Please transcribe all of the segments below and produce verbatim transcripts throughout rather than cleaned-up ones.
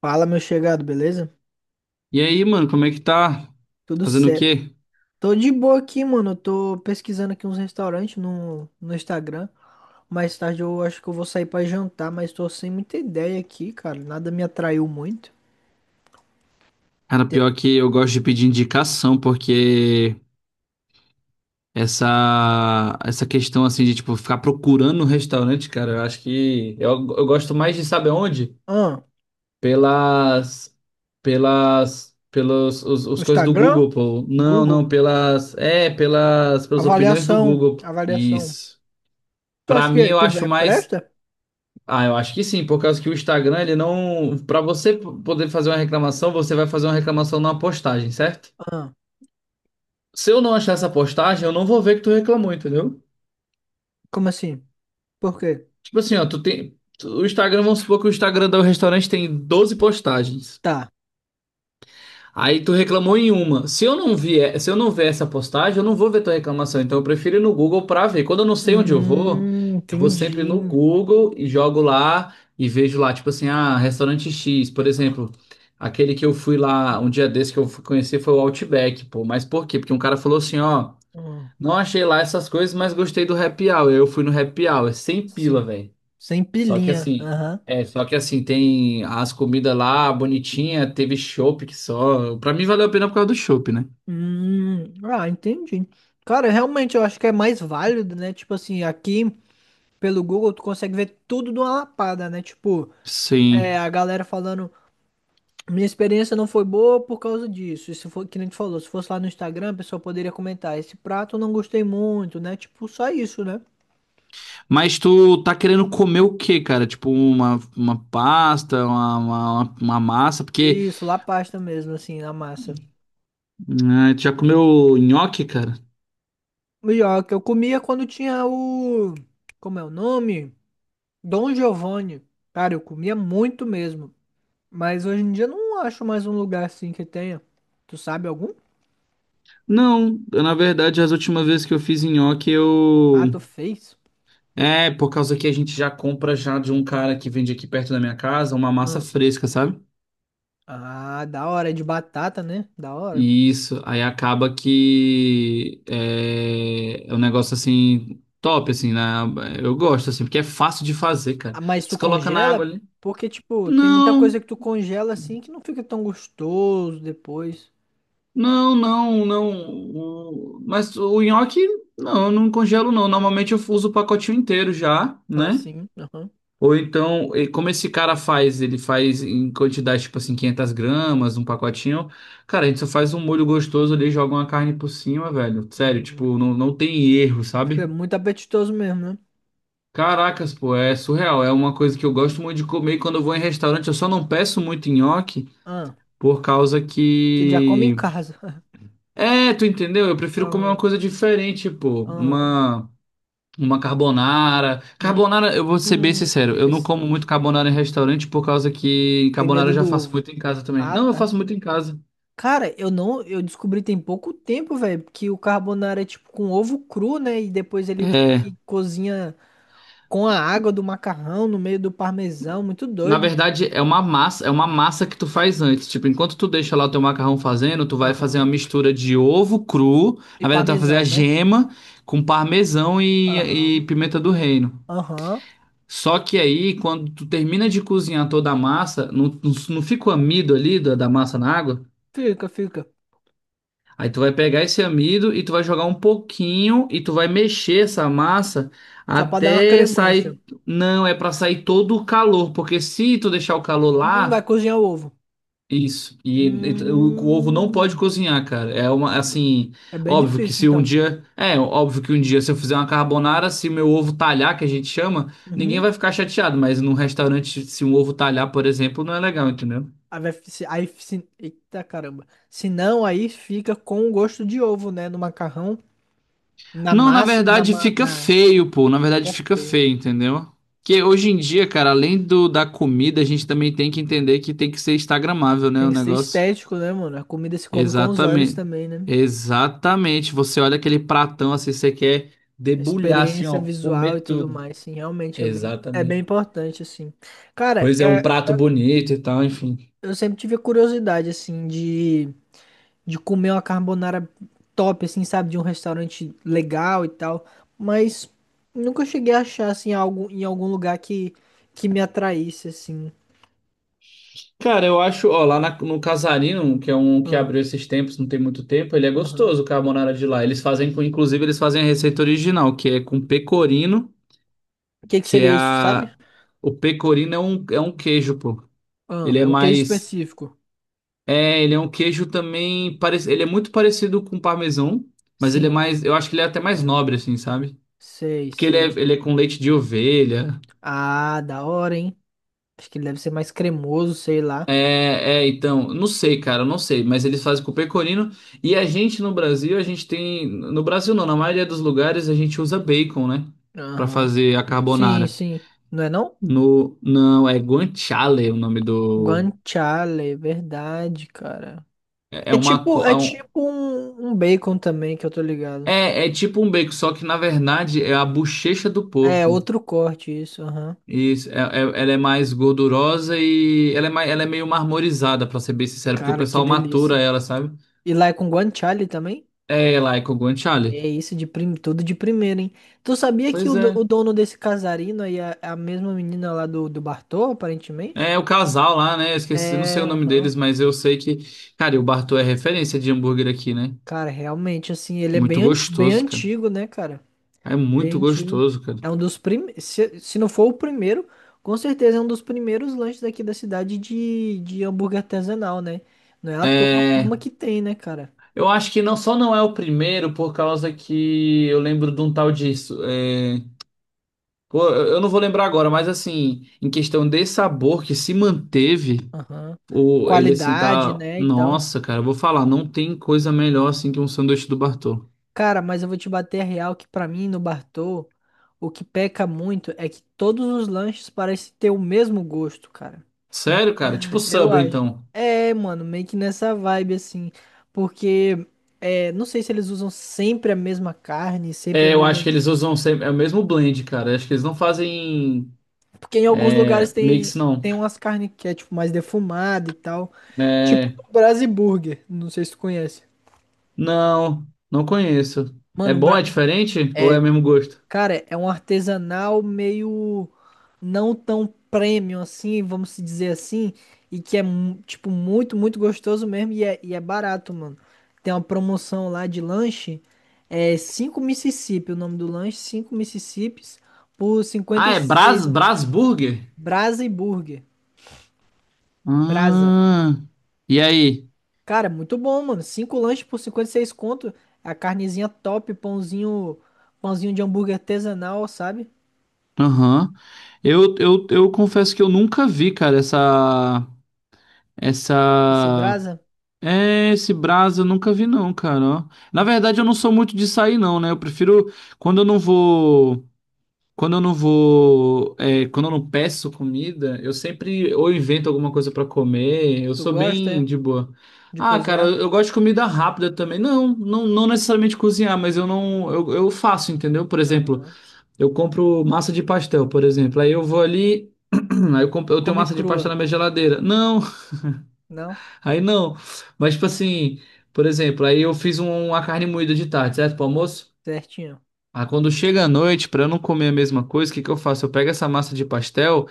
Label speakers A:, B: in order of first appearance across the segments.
A: Fala, meu chegado, beleza?
B: E aí, mano, como é que tá?
A: Tudo
B: Fazendo o
A: certo.
B: quê?
A: Tô de boa aqui, mano. Eu tô pesquisando aqui uns restaurantes no, no Instagram. Mais tarde eu acho que eu vou sair pra jantar, mas tô sem muita ideia aqui, cara. Nada me atraiu muito.
B: Cara,
A: Te-
B: pior que eu gosto de pedir indicação, porque essa essa questão assim de tipo ficar procurando um restaurante, cara, eu acho que eu, eu gosto mais de saber onde?
A: Ah,
B: Pelas pelas pelos os,
A: no
B: os coisas do
A: Instagram?
B: Google, pô. Não,
A: Google.
B: não, pelas é, pelas pelas opiniões do
A: Avaliação.
B: Google.
A: Avaliação.
B: Isso.
A: Tu
B: Pra
A: acha
B: mim
A: que,
B: eu
A: que
B: acho
A: é
B: mais.
A: presta?
B: Ah, eu acho que sim, por causa que o Instagram, ele não. Para você p- poder fazer uma reclamação, você vai fazer uma reclamação numa postagem, certo?
A: Ah,
B: Se eu não achar essa postagem, eu não vou ver que tu reclamou, entendeu?
A: como assim? Por quê?
B: Tipo assim, ó, tu tem. tu- o Instagram, vamos supor que o Instagram do restaurante tem doze postagens.
A: Tá.
B: Aí tu reclamou em uma. Se eu não vier, se eu não ver essa postagem, eu não vou ver tua reclamação. Então eu prefiro ir no Google pra ver. Quando eu não sei onde eu vou,
A: Hum,
B: eu vou sempre no
A: entendi.
B: Google e jogo lá e vejo lá, tipo assim, ah, restaurante X, por exemplo. Aquele que eu fui lá um dia desse que eu fui conhecer foi o Outback, pô. Mas por quê? Porque um cara falou assim, ó,
A: Hum,
B: não achei lá essas coisas, mas gostei do Happy Hour. Eu fui no Happy Hour, sem pila,
A: sim.
B: velho.
A: Sem
B: Só que
A: pilinha.
B: assim,
A: Aham.
B: é, só que assim, tem as comidas lá bonitinha, teve chopp que só. Pra mim valeu a pena por causa do chopp, né?
A: Hum, ah, entendi. Cara, realmente eu acho que é mais válido, né? Tipo assim, aqui pelo Google tu consegue ver tudo de uma lapada, né? Tipo,
B: Sim.
A: é, a galera falando, minha experiência não foi boa por causa disso. Isso foi que nem tu falou, se fosse lá no Instagram, a pessoa poderia comentar, esse prato eu não gostei muito, né? Tipo, só isso, né?
B: Mas tu tá querendo comer o quê, cara? Tipo uma, uma pasta, uma, uma, uma massa? Porque
A: Isso, lá pasta mesmo, assim, na massa.
B: ah, tu já comeu nhoque, cara?
A: E ó, que eu comia quando tinha o. Como é o nome? Dom Giovanni. Cara, eu comia muito mesmo. Mas hoje em dia eu não acho mais um lugar assim que tenha. Tu sabe algum?
B: Não, eu, na verdade, as últimas vezes que eu fiz nhoque,
A: Ah,
B: eu.
A: tu fez?
B: É, por causa que a gente já compra já de um cara que vende aqui perto da minha casa, uma massa
A: Ah,
B: fresca, sabe?
A: ah, da hora, é de batata, né? Da hora.
B: Isso, aí acaba que é, é um negócio assim, top, assim, né? Eu gosto, assim, porque é fácil de fazer, cara.
A: Ah, mas tu
B: Você coloca na
A: congela?
B: água ali.
A: Porque, tipo, tem muita
B: Não,
A: coisa que tu congela assim que não fica tão gostoso depois.
B: não, não, não. o- Mas o nhoque, não, eu não congelo, não. Normalmente eu uso o pacotinho inteiro já, né?
A: Assim, aham.
B: Ou então, e como esse cara faz, ele faz em quantidade, tipo assim, quinhentas gramas, um pacotinho. Cara, a gente só faz um molho gostoso ali, joga uma carne por cima, velho. Sério,
A: Hum,
B: tipo, não, não tem erro, sabe?
A: fica muito apetitoso mesmo, né?
B: Caracas, pô, é surreal. É uma coisa que eu gosto muito de comer. E quando eu vou em restaurante, eu só não peço muito nhoque
A: Ah,
B: por causa
A: que já come em
B: que.
A: casa.
B: É, tu entendeu? Eu prefiro comer uma
A: Aham,
B: coisa diferente, pô.
A: aham.
B: Uma. Uma carbonara. Carbonara, eu vou ser bem
A: Hum,
B: sincero, eu não como
A: interessante.
B: muito carbonara em restaurante por causa que
A: Tem
B: carbonara eu
A: medo
B: já
A: do
B: faço
A: ovo.
B: muito em casa também.
A: Ah,
B: Não, eu
A: tá.
B: faço muito em casa.
A: Cara, eu não, eu descobri tem pouco tempo, velho, que o carbonara é tipo com ovo cru, né? E depois ele meio
B: É.
A: que cozinha com a água do macarrão no meio do parmesão, muito
B: Na
A: doido.
B: verdade, é uma massa, é uma massa que tu faz antes. Tipo, enquanto tu deixa lá o teu macarrão fazendo, tu vai fazer uma
A: Aham.
B: mistura de ovo cru.
A: E
B: Na verdade, tu vai fazer a
A: parmesão, né?
B: gema com parmesão e, e
A: Aham.
B: pimenta do reino.
A: Aham.
B: Só que aí, quando tu termina de cozinhar toda a massa, não, não, não fica o amido ali da, da massa na água?
A: Fica, fica.
B: Aí tu vai pegar esse amido e tu vai jogar um pouquinho e tu vai mexer essa massa
A: Só pra dar uma
B: até
A: cremância.
B: sair. Não, é pra sair todo o calor, porque se tu deixar o calor
A: Hum, vai
B: lá.
A: cozinhar o ovo.
B: Isso. E, e o, o ovo não pode
A: Hum.
B: cozinhar, cara. É uma, assim,
A: É bem
B: óbvio que
A: difícil,
B: se um
A: então.
B: dia, é, óbvio que um dia se eu fizer uma carbonara, se meu ovo talhar, que a gente chama, ninguém
A: Uhum.
B: vai ficar chateado, mas num restaurante, se um ovo talhar, por exemplo, não é legal, entendeu?
A: Aí, vai, se- aí, se, eita caramba. Se não, aí fica com o gosto de ovo, né? No macarrão, na
B: Não, na
A: massa, na,
B: verdade
A: ma-
B: fica
A: na
B: feio, pô. Na verdade
A: é
B: fica
A: feio.
B: feio, entendeu? Que hoje em dia, cara, além do da comida, a gente também tem que entender que tem que ser instagramável, né,
A: Tem
B: o
A: que ser
B: negócio.
A: estético, né, mano? A comida se come com os olhos
B: Exatamente.
A: também, né?
B: Exatamente. Você olha aquele pratão assim, você quer
A: A
B: debulhar assim,
A: experiência
B: ó,
A: visual e
B: comer
A: tudo
B: tudo.
A: mais, sim, realmente é bem, é
B: Exatamente.
A: bem importante, assim. Cara,
B: Pois é, um
A: é-
B: prato bonito e tal, enfim.
A: eu sempre tive curiosidade, assim, de, de comer uma carbonara top, assim, sabe? De um restaurante legal e tal, mas nunca cheguei a achar, assim, algo em algum lugar que, que me atraísse, assim.
B: Cara, eu acho, ó, lá na- no Casarino, que é um que
A: Ah,
B: abriu esses tempos, não tem muito tempo, ele é
A: aham.
B: gostoso, o carbonara de lá. Eles fazem com, inclusive, eles fazem a receita original, que é com pecorino,
A: O que que
B: que é
A: seria isso, sabe?
B: a... O pecorino é um, é um queijo, pô.
A: Ah,
B: Ele é
A: é um queijo
B: mais.
A: específico.
B: É, ele é um queijo também, parece, ele é muito parecido com parmesão, mas ele é
A: Sim,
B: mais, eu acho que ele é até mais nobre assim, sabe?
A: sei,
B: Porque ele é,
A: sei.
B: ele é com leite de ovelha.
A: Ah, da hora, hein? Acho que ele deve ser mais cremoso, sei lá.
B: É, é, então, não sei, cara, eu não sei, mas eles fazem com pecorino e a gente no Brasil, a gente tem, no Brasil não, na maioria dos lugares a gente usa bacon, né, pra
A: Aham.
B: fazer a
A: Sim,
B: carbonara.
A: sim. Não é não?
B: No, não, é guanciale o nome do
A: Guanciale, é verdade, cara.
B: é é
A: É
B: uma
A: tipo,
B: co- é,
A: é
B: um-
A: tipo um, um bacon também, que eu tô ligado.
B: é é tipo um bacon, só que na verdade é a bochecha do
A: É,
B: porco.
A: outro corte isso, aham.
B: Isso, é- é- ela é mais gordurosa e ela é, mais, ela é meio marmorizada, pra ser bem sincero, porque o
A: Cara, que
B: pessoal matura
A: delícia.
B: ela, sabe?
A: E lá é com guanciale também?
B: É ela e Kogon
A: Que é
B: Charlie.
A: isso, de prim... tudo de primeira, hein? Tu sabia que o,
B: Pois
A: do-
B: é.
A: o dono desse casarino aí é a mesma menina lá do, do Bartô, aparentemente?
B: É o casal lá, né? Eu esqueci, não sei
A: É,
B: o nome
A: aham.
B: deles, mas eu sei que. Cara, e o Bartô é referência de hambúrguer aqui, né?
A: Cara, realmente, assim, ele é
B: Muito
A: bem, anti- bem
B: gostoso, cara.
A: antigo, né, cara?
B: É muito
A: Bem antigo.
B: gostoso, cara.
A: É um dos primeiros. Se, se não for o primeiro, com certeza é um dos primeiros lanches daqui da cidade de, de hambúrguer artesanal, né? Não é à toa a
B: É.
A: forma que tem, né, cara?
B: Eu acho que não só não é o primeiro, por causa que eu lembro de um tal disso. É... Pô, eu eu não vou lembrar agora, mas assim, em questão de sabor que se manteve.
A: Aham.
B: Ou ele assim
A: Qualidade,
B: tá.
A: né, e tal.
B: Nossa, cara, eu vou falar, não tem coisa melhor assim que um sanduíche do Bartô.
A: Cara, mas eu vou te bater a real que pra mim, no Bartô, o que peca muito é que todos os lanches parecem ter o mesmo gosto, cara.
B: Sério, cara? Tipo
A: Eu
B: Subway,
A: acho.
B: então.
A: É, mano, meio que nessa vibe assim, porque é, não sei se eles usam sempre a mesma carne, sempre a
B: É, eu acho
A: mesma,
B: que eles usam sempre... é o mesmo blend, cara. Eu acho que eles não fazem
A: porque em alguns lugares
B: é, mix,
A: tem
B: não.
A: tem umas carnes que é tipo mais defumada e tal, tipo
B: É.
A: do Brasiburger, não sei se tu conhece.
B: Não, não conheço. É
A: Mano, o
B: bom,
A: Bra...
B: é diferente? Ou é o
A: é,
B: mesmo gosto?
A: cara, é um artesanal meio não tão premium assim, vamos se dizer assim, e que é mu- tipo muito, muito gostoso mesmo e é, e é barato, mano. Tem uma promoção lá de lanche, é cinco Mississippi, o nome do lanche, cinco Mississippis por
B: Ah, é
A: cinquenta e seis.
B: Bras, Brasburger?
A: Brasa e Burger. Brasa.
B: Ah, e aí?
A: Cara, muito bom, mano. Cinco lanches por cinquenta e seis conto, é a carnezinha top, pãozinho, pãozinho de hambúrguer artesanal, sabe?
B: Aham. Eu, eu, eu confesso que eu nunca vi, cara, essa. Essa.
A: Esse Brasa,
B: É, esse Brás eu nunca vi não, cara, ó. Na verdade, eu não sou muito de sair não, né? Eu prefiro quando eu não vou, quando eu não vou, é, quando eu não peço comida, eu sempre ou invento alguma coisa pra comer. Eu
A: tu
B: sou
A: gosta? É?
B: bem de boa.
A: De
B: Ah, cara,
A: cozinhar?
B: eu gosto de comida rápida também. Não, não, não necessariamente cozinhar, mas eu não, eu, eu faço, entendeu? Por exemplo,
A: Aham.
B: eu compro massa de pastel, por exemplo. Aí eu vou ali, aí eu, compro, eu tenho
A: Come
B: massa de
A: crua,
B: pastel na minha geladeira. Não,
A: não?
B: aí não. Mas, tipo assim, por exemplo, aí eu fiz um- uma carne moída de tarde, certo? Pro almoço.
A: Certinho.
B: Aí quando chega a noite, pra eu não comer a mesma coisa, o que que eu faço? Eu pego essa massa de pastel,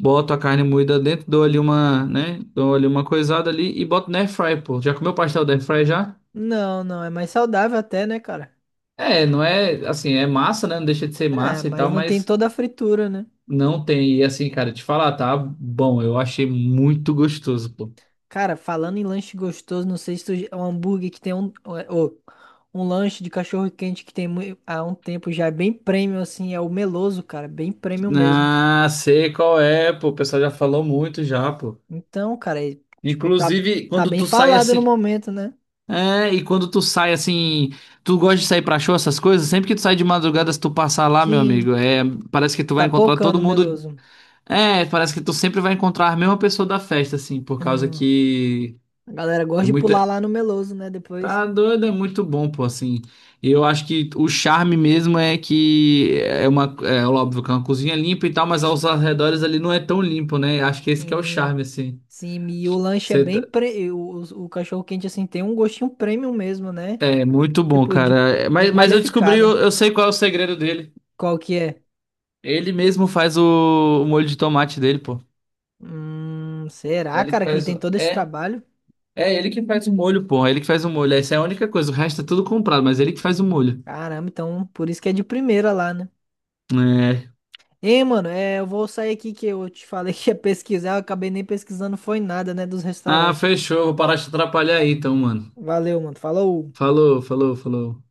B: boto a carne moída dentro, dou ali uma, né? Dou ali uma coisada ali e boto na air fry, pô. Já comeu pastel da air fry já?
A: Não, não, é mais saudável até, né, cara?
B: É, não é, assim, é massa, né? Não deixa de ser
A: É,
B: massa e
A: mas
B: tal,
A: não tem
B: mas
A: toda a fritura, né?
B: não tem. E assim, cara, te falar, tá bom, eu achei muito gostoso, pô.
A: Cara, falando em lanche gostoso, não sei se tu... é um hambúrguer que tem um... Ou, um lanche de cachorro quente que tem mui- há um tempo já é bem premium, assim, é o Meloso, cara, bem premium mesmo.
B: Ah, sei qual é, pô. O pessoal já falou muito já, pô.
A: Então, cara, é, tipo, tá,
B: Inclusive,
A: tá
B: quando
A: bem
B: tu sai
A: falado no
B: assim.
A: momento, né?
B: É, e quando tu sai assim. Tu gosta de sair pra show, essas coisas? Sempre que tu sai de madrugada, se tu passar lá, meu
A: Sim,
B: amigo, é, parece que tu vai
A: tá
B: encontrar todo
A: pocando o
B: mundo.
A: Meloso.
B: É, parece que tu sempre vai encontrar a mesma pessoa da festa, assim, por causa
A: Hum,
B: que
A: a galera gosta
B: é
A: de pular
B: muita.
A: lá no Meloso, né, depois.
B: Tá doido, é muito bom, pô, assim. E eu acho que o charme mesmo é que é uma. É óbvio que é uma cozinha limpa e tal, mas aos arredores ali não é tão limpo, né? Acho que esse que é o
A: Sim.
B: charme, assim.
A: Sim, e o lanche é
B: Você
A: bem
B: tá.
A: pre... o, o cachorro quente assim tem um gostinho premium mesmo, né?
B: É muito bom,
A: Tipo de
B: cara. É,
A: bem
B: Mas, mas eu descobri,
A: qualificado.
B: eu, eu sei qual é o segredo dele.
A: Qual que é?
B: Ele mesmo faz o, o molho de tomate dele, pô.
A: Hum,
B: É
A: será,
B: ele que
A: cara, que ele
B: faz.
A: tem
B: o-
A: todo esse
B: É,
A: trabalho?
B: é ele que faz o molho, pô. É ele que faz o molho. Essa é a única coisa. O resto é tudo comprado, mas é ele que faz o molho.
A: Caramba, então por isso que é de primeira lá, né?
B: É.
A: Ei, mano, é, eu vou sair aqui que eu te falei que ia pesquisar, eu acabei nem pesquisando foi nada, né, dos
B: Ah,
A: restaurantes.
B: fechou. Vou parar de te atrapalhar aí, então, mano.
A: Valeu, mano. Falou.
B: Falou, falou, falou.